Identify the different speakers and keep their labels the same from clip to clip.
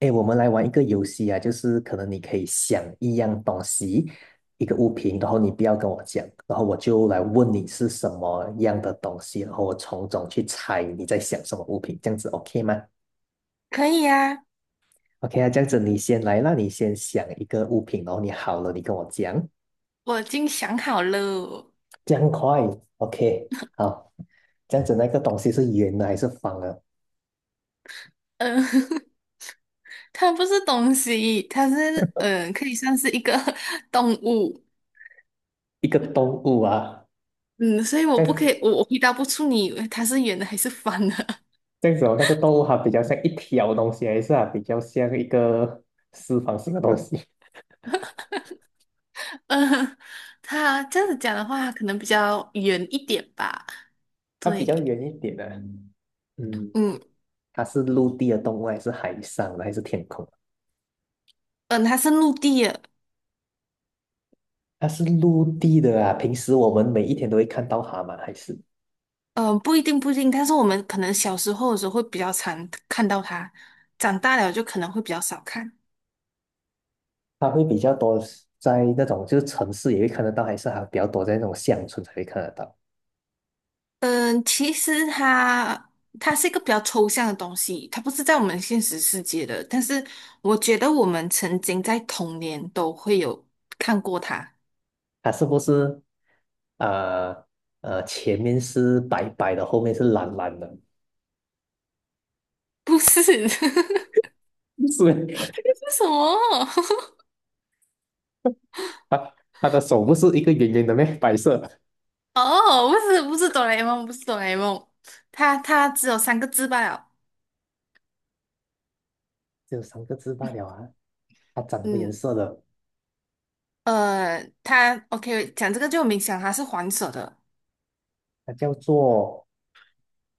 Speaker 1: 哎，我们来玩一个游戏啊，就是可能你可以想一样东西，一个物品，然后你不要跟我讲，然后我就来问你是什么样的东西，然后我从中去猜你在想什么物品，这样子 OK 吗
Speaker 2: 可以啊，
Speaker 1: ？OK 啊，这样子你先来那你先想一个物品，然后你好了，你跟我讲，
Speaker 2: 我已经想好了。
Speaker 1: 这样快，OK，好，这样子那个东西是圆的还是方的？
Speaker 2: 嗯，它不是东西，它是可以算是一个 动物。
Speaker 1: 一个动物啊，
Speaker 2: 嗯，所以我
Speaker 1: 这样
Speaker 2: 不可以，
Speaker 1: 子
Speaker 2: 我回答不出你它是圆的还是方的。
Speaker 1: 这样子哦那个动物它比较像一条东西，还是啊比较像一个四方形的东西？
Speaker 2: 嗯，它这样子讲的话，可能比较圆一点吧。
Speaker 1: 它比较
Speaker 2: 对，
Speaker 1: 远一点的，嗯，
Speaker 2: 嗯
Speaker 1: 它是陆地的动物，还是海上的，还是天空？
Speaker 2: 嗯，它是陆地的。
Speaker 1: 它是陆地的啊。平时我们每一天都会看到它嘛，还是
Speaker 2: 嗯，不一定，但是我们可能小时候的时候会比较常看到它，长大了就可能会比较少看。
Speaker 1: 它会比较多在那种就是城市也会看得到，还是还比较多在那种乡村才会看得到？
Speaker 2: 嗯，其实它是一个比较抽象的东西，它不是在我们现实世界的。但是我觉得我们曾经在童年都会有看过它，
Speaker 1: 它是不是呃前面是白白的，后面是蓝蓝的？
Speaker 2: 不是？这
Speaker 1: 是
Speaker 2: 是什么？
Speaker 1: 它它的手不是一个圆圆的咩？白色。
Speaker 2: 哦，不是，不是哆啦 A 梦，它只有三个字罢了。
Speaker 1: 只有三个字罢了啊！它长什么颜
Speaker 2: 嗯，
Speaker 1: 色的？
Speaker 2: 它 OK，讲这个就有明显它是黄色的。
Speaker 1: 它叫做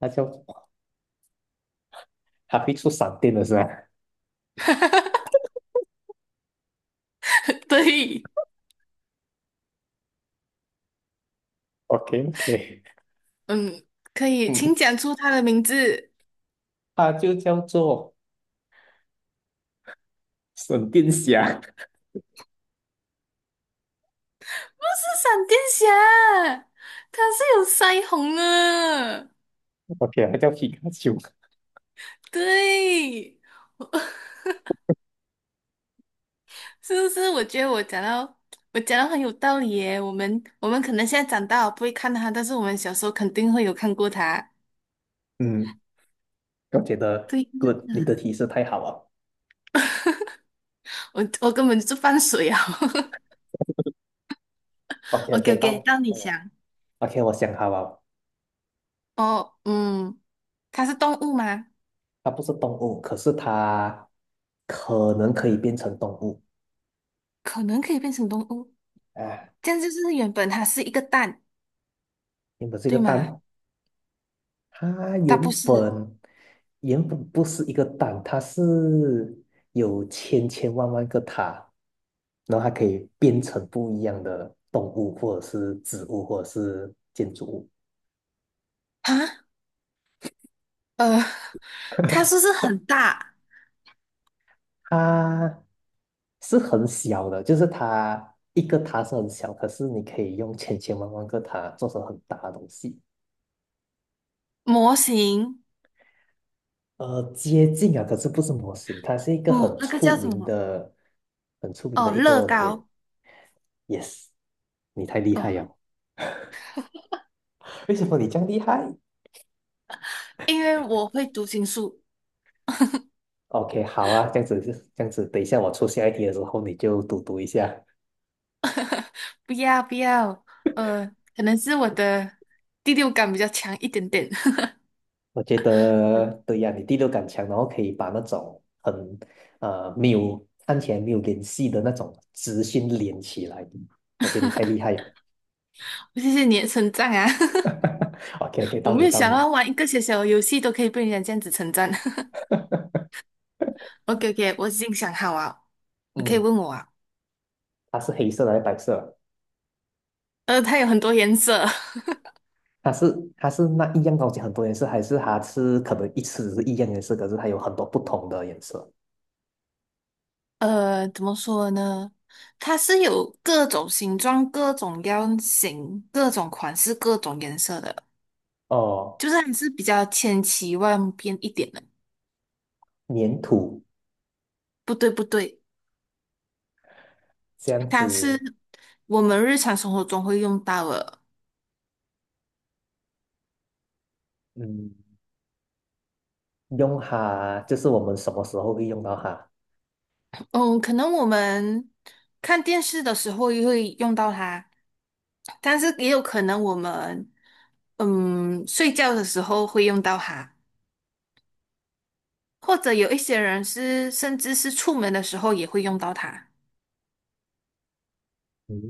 Speaker 1: 它叫它会出闪电的是吧
Speaker 2: 对，
Speaker 1: ？OK OK,
Speaker 2: 嗯，可以，
Speaker 1: 嗯，
Speaker 2: 请讲出它的名字。
Speaker 1: 它就叫做闪电侠
Speaker 2: 是闪电侠，它是有腮红的。
Speaker 1: ，OK,它叫皮卡丘。
Speaker 2: 对，是不是？我觉得我讲到很有道理耶。我们可能现在长大了不会看它，但是我们小时候肯定会有看过它。
Speaker 1: 嗯，我觉得
Speaker 2: 对
Speaker 1: good,你
Speaker 2: 呀，
Speaker 1: 的提示太好了。
Speaker 2: 我根本就是放水啊。
Speaker 1: OK
Speaker 2: OK
Speaker 1: OK,
Speaker 2: OK，
Speaker 1: 到
Speaker 2: 到你
Speaker 1: 到我
Speaker 2: 想。
Speaker 1: OK,我想好了，
Speaker 2: 哦，嗯，它是动物吗？
Speaker 1: 它不是动物，可是它可能可以变成动物。
Speaker 2: 可能可以变成动物，
Speaker 1: 啊，
Speaker 2: 这样就是原本它是一个蛋，
Speaker 1: 原的这个
Speaker 2: 对吗？
Speaker 1: 蛋，它
Speaker 2: 它
Speaker 1: 原
Speaker 2: 不是
Speaker 1: 本原本不是一个蛋，它是有千千万万个塔，然后它可以变成不一样的动物，或者是植物，或者是建筑物。
Speaker 2: 啊。呃，它是不是很大
Speaker 1: 它是很小的，就是它一个塔是很小，可是你可以用千千万万个塔做成很大的东西。
Speaker 2: 模型？
Speaker 1: 呃，接近啊，可是不是模型，它是一个
Speaker 2: 嗯，那个叫什么？
Speaker 1: 很出名
Speaker 2: 哦，
Speaker 1: 的一
Speaker 2: 乐
Speaker 1: 个 brand。
Speaker 2: 高。
Speaker 1: Yes,你太厉
Speaker 2: 哦，
Speaker 1: 害了。为什么你这样厉害
Speaker 2: 因为我会读心术，
Speaker 1: ？OK,好啊，这样子，等一下我出下一题的时候你就读一下。
Speaker 2: 不要不要。呃，可能是我的第六感比较强一点点。
Speaker 1: 我觉得 对呀、你第六感强，然后可以把那种很没有看起来没有联系的那种直讯连起来。我觉得你太厉害了。
Speaker 2: 谢谢你的称赞啊！
Speaker 1: OK OK,
Speaker 2: 我
Speaker 1: 到
Speaker 2: 没
Speaker 1: 你
Speaker 2: 有
Speaker 1: 到
Speaker 2: 想
Speaker 1: 你。
Speaker 2: 到玩一个小小的游戏都可以被人家这样子称赞。OK OK，我已经想好了，你可以
Speaker 1: 嗯，
Speaker 2: 问我啊。
Speaker 1: 它是黑色的还是白色的
Speaker 2: 呃，它有很多颜色。
Speaker 1: 它是它是那一样东西很多颜色，还是它是可能一次只是一样颜色，可是它有很多不同的颜色？
Speaker 2: 呃，怎么说呢？它是有各种形状、各种样型、各种款式、各种颜色的，
Speaker 1: 哦
Speaker 2: 就是还是比较千奇万变一点的。
Speaker 1: 粘土
Speaker 2: 不对，不对，
Speaker 1: 这样
Speaker 2: 它
Speaker 1: 子，
Speaker 2: 是我们日常生活中会用到的。
Speaker 1: 嗯，用它就是我们什么时候会用到它？
Speaker 2: 嗯，可能我们看电视的时候也会用到它，但是也有可能我们睡觉的时候会用到它，或者有一些人是甚至是出门的时候也会用到它。
Speaker 1: 嗯，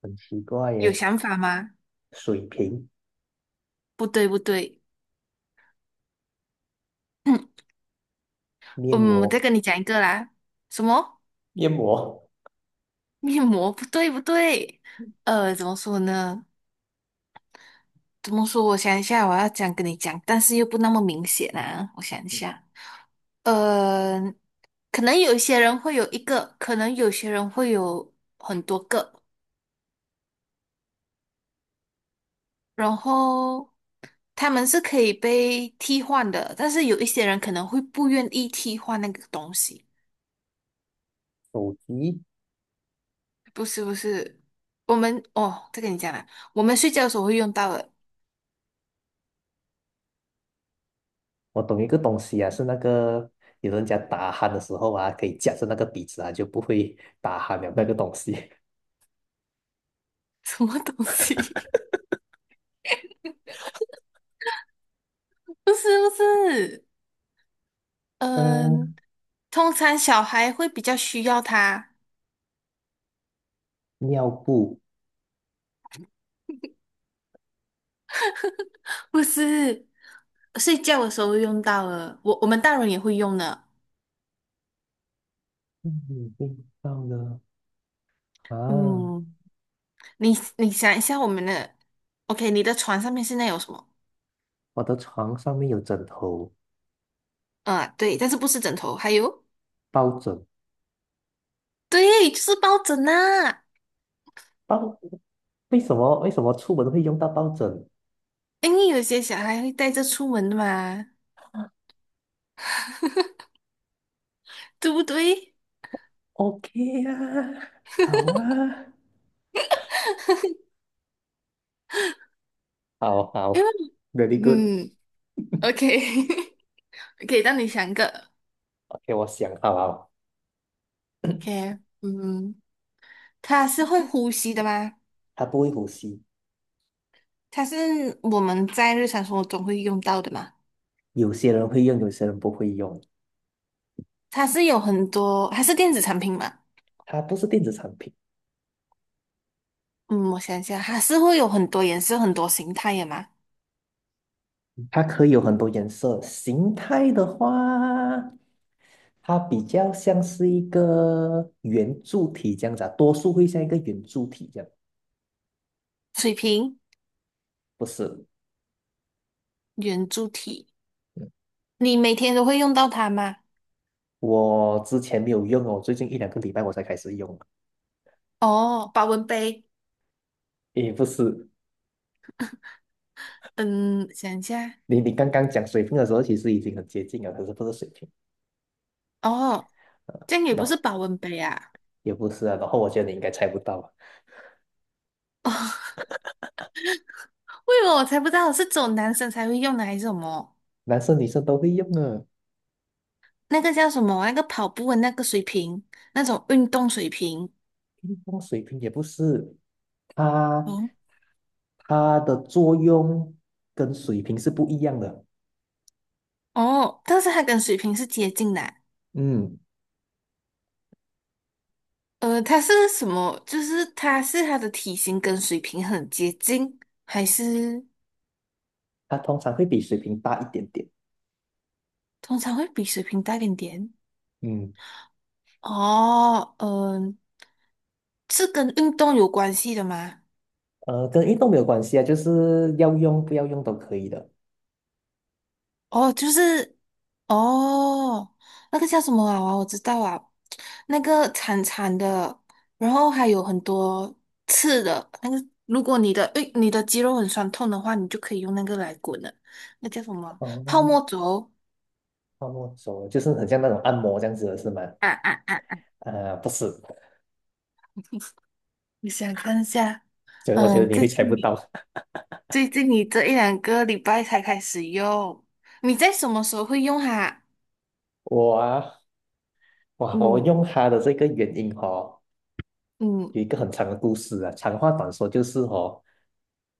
Speaker 1: 很奇怪
Speaker 2: 有
Speaker 1: 耶。
Speaker 2: 想法吗？
Speaker 1: 水瓶、
Speaker 2: 不对，不对，
Speaker 1: 面
Speaker 2: 嗯，我再
Speaker 1: 膜、
Speaker 2: 跟你讲一个啦。什么
Speaker 1: 面膜、
Speaker 2: 面膜？不对，不对。怎么说呢？怎么说？我想一下，我要你讲，但是又不那么明显啊。我想一下，呃，可能有些人会有很多个，然后他们是可以被替换的，但是有一些人可能会不愿意替换那个东西。
Speaker 1: 手机，
Speaker 2: 不是不是，我们哦，再跟你讲啦，我们睡觉的时候会用到的
Speaker 1: 我懂一个东西啊，是那个有人家打鼾的时候啊，可以夹着那个鼻子啊，就不会打鼾了那个东西。
Speaker 2: 什么东西？不是不是，嗯，
Speaker 1: 嗯，
Speaker 2: 通常小孩会比较需要它，
Speaker 1: 尿布，
Speaker 2: 不是睡觉的时候会用到的，我们大人也会用的。
Speaker 1: 嗯，味道呢？啊，
Speaker 2: 嗯，你你想一下我们的，OK，你的床上面现在有什么？
Speaker 1: 我的床上面有枕头、
Speaker 2: 啊，对，但是不是枕头，还有，
Speaker 1: 抱枕，
Speaker 2: 对，就是抱枕呐、
Speaker 1: 抱，为什么出门会用到抱枕？
Speaker 2: 因为有些小孩会带着出门的嘛，对不对？
Speaker 1: OK 啊，好啊，好
Speaker 2: 因
Speaker 1: 好
Speaker 2: 为
Speaker 1: ，very good。
Speaker 2: 嗯，OK，可以让你想一个
Speaker 1: ，OK,我想好了，
Speaker 2: ，OK，嗯，它是会呼吸的吗？
Speaker 1: 它不会呼吸，
Speaker 2: 它是我们在日常生活中会用到的吗？
Speaker 1: 有些人会用，有些人不会用。
Speaker 2: 它是有很多，它是电子产品吗？
Speaker 1: 它不是电子产品，
Speaker 2: 嗯，我想一下，它是会有很多颜色、很多形态的吗？
Speaker 1: 它可以有很多颜色。形态的话，它比较像是一个圆柱体这样子啊，多数会像一个圆柱体这样。
Speaker 2: 水瓶、
Speaker 1: 不是，
Speaker 2: 圆柱体，
Speaker 1: 嗯
Speaker 2: 你每天都会用到它吗？
Speaker 1: 我之前没有用哦，最近一两个礼拜我才开始用。
Speaker 2: 哦，保温杯，
Speaker 1: 也不是，
Speaker 2: 嗯，想一下，
Speaker 1: 你刚刚讲水平的时候，其实已经很接近了，可是不是水平，
Speaker 2: 哦，这样也不是
Speaker 1: 那、
Speaker 2: 保温杯啊。
Speaker 1: 也不是啊。然后我觉得你应该猜不到啊，
Speaker 2: 为什么我才不知道是只有男生才会用的，还是什么？
Speaker 1: 男生女生都会用的，
Speaker 2: 那个叫什么？那个跑步的那个水平，那种运动水平。
Speaker 1: 运动水平也不是，它
Speaker 2: 哦
Speaker 1: 它的作用跟水平是不一样的。
Speaker 2: 哦，但是它跟水平是接近的啊。
Speaker 1: 嗯，
Speaker 2: 它是什么？就是它是它的体型跟水平很接近，还是
Speaker 1: 它通常会比水平大一点点。
Speaker 2: 通常会比水平大一点点？
Speaker 1: 嗯，
Speaker 2: 哦，嗯、是跟运动有关系的吗？
Speaker 1: 呃，跟运动没有关系啊，就是要用不要用都可以的。
Speaker 2: 哦，就是哦，那个叫什么娃娃，我知道啊，那个长长的，然后还有很多刺的。那个，如果你的诶，你的肌肉很酸痛的话，你就可以用那个来滚了。那叫什么？泡
Speaker 1: 哦，
Speaker 2: 沫轴
Speaker 1: 按摩手啊就是很像那种按摩这样子的是吗？
Speaker 2: 啊啊啊！
Speaker 1: 呃，不是，
Speaker 2: 我想看一下？
Speaker 1: 所以我觉得
Speaker 2: 嗯，
Speaker 1: 你会猜不到。
Speaker 2: 最近你这一两个礼拜才开始用，你在什么时候会用它？
Speaker 1: 我啊，哇，我
Speaker 2: 嗯
Speaker 1: 用它的这个原因哦，
Speaker 2: 嗯，
Speaker 1: 有一个很长的故事啊。长话短说就是哦，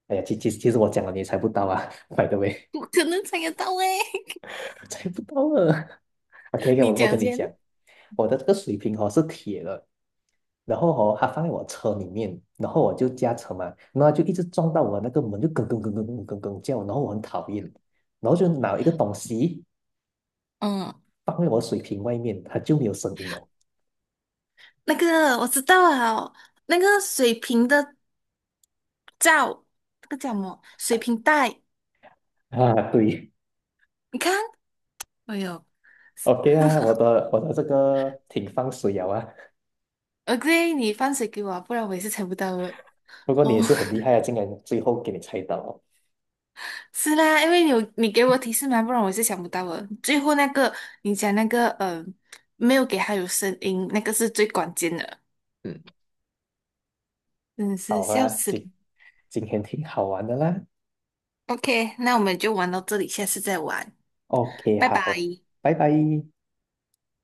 Speaker 1: 哎呀，其实我讲了你也猜不到啊 ，by the way,
Speaker 2: 不可能猜得到诶，
Speaker 1: 猜不到了。OK，OK，
Speaker 2: 你
Speaker 1: 我
Speaker 2: 讲
Speaker 1: 跟你
Speaker 2: 先。
Speaker 1: 讲，我的这个水瓶哦是铁的，然后哦它放在我车里面，然后我就驾车嘛，然后它就一直撞到我那个门，就咯咯咯咯咯咯咯叫，然后我很讨厌，然后就拿一个东西
Speaker 2: 嗯。
Speaker 1: 放在我水瓶外面，它就没有声音了。
Speaker 2: 那个我知道了，那个水瓶的罩，那个叫什么？水瓶带，
Speaker 1: 啊，对。
Speaker 2: 你看，哎呦，
Speaker 1: OK 啊，我的这个挺放水了啊。
Speaker 2: o k 你放水给我啊，不然我也是猜不到的。
Speaker 1: 不过你
Speaker 2: 哦，
Speaker 1: 也是很厉害啊，竟然最后给你猜到哦。
Speaker 2: 是啦，因为你有你给我提示嘛，不然我是想不到的。最后那个你讲那个，没有给他有声音，那个是最关键的，
Speaker 1: 嗯，
Speaker 2: 真的是
Speaker 1: 好
Speaker 2: 笑
Speaker 1: 啊，
Speaker 2: 死了。
Speaker 1: 今天挺好玩的啦。
Speaker 2: OK，那我们就玩到这里，下次再玩，
Speaker 1: OK,
Speaker 2: 拜拜。
Speaker 1: 好，拜拜。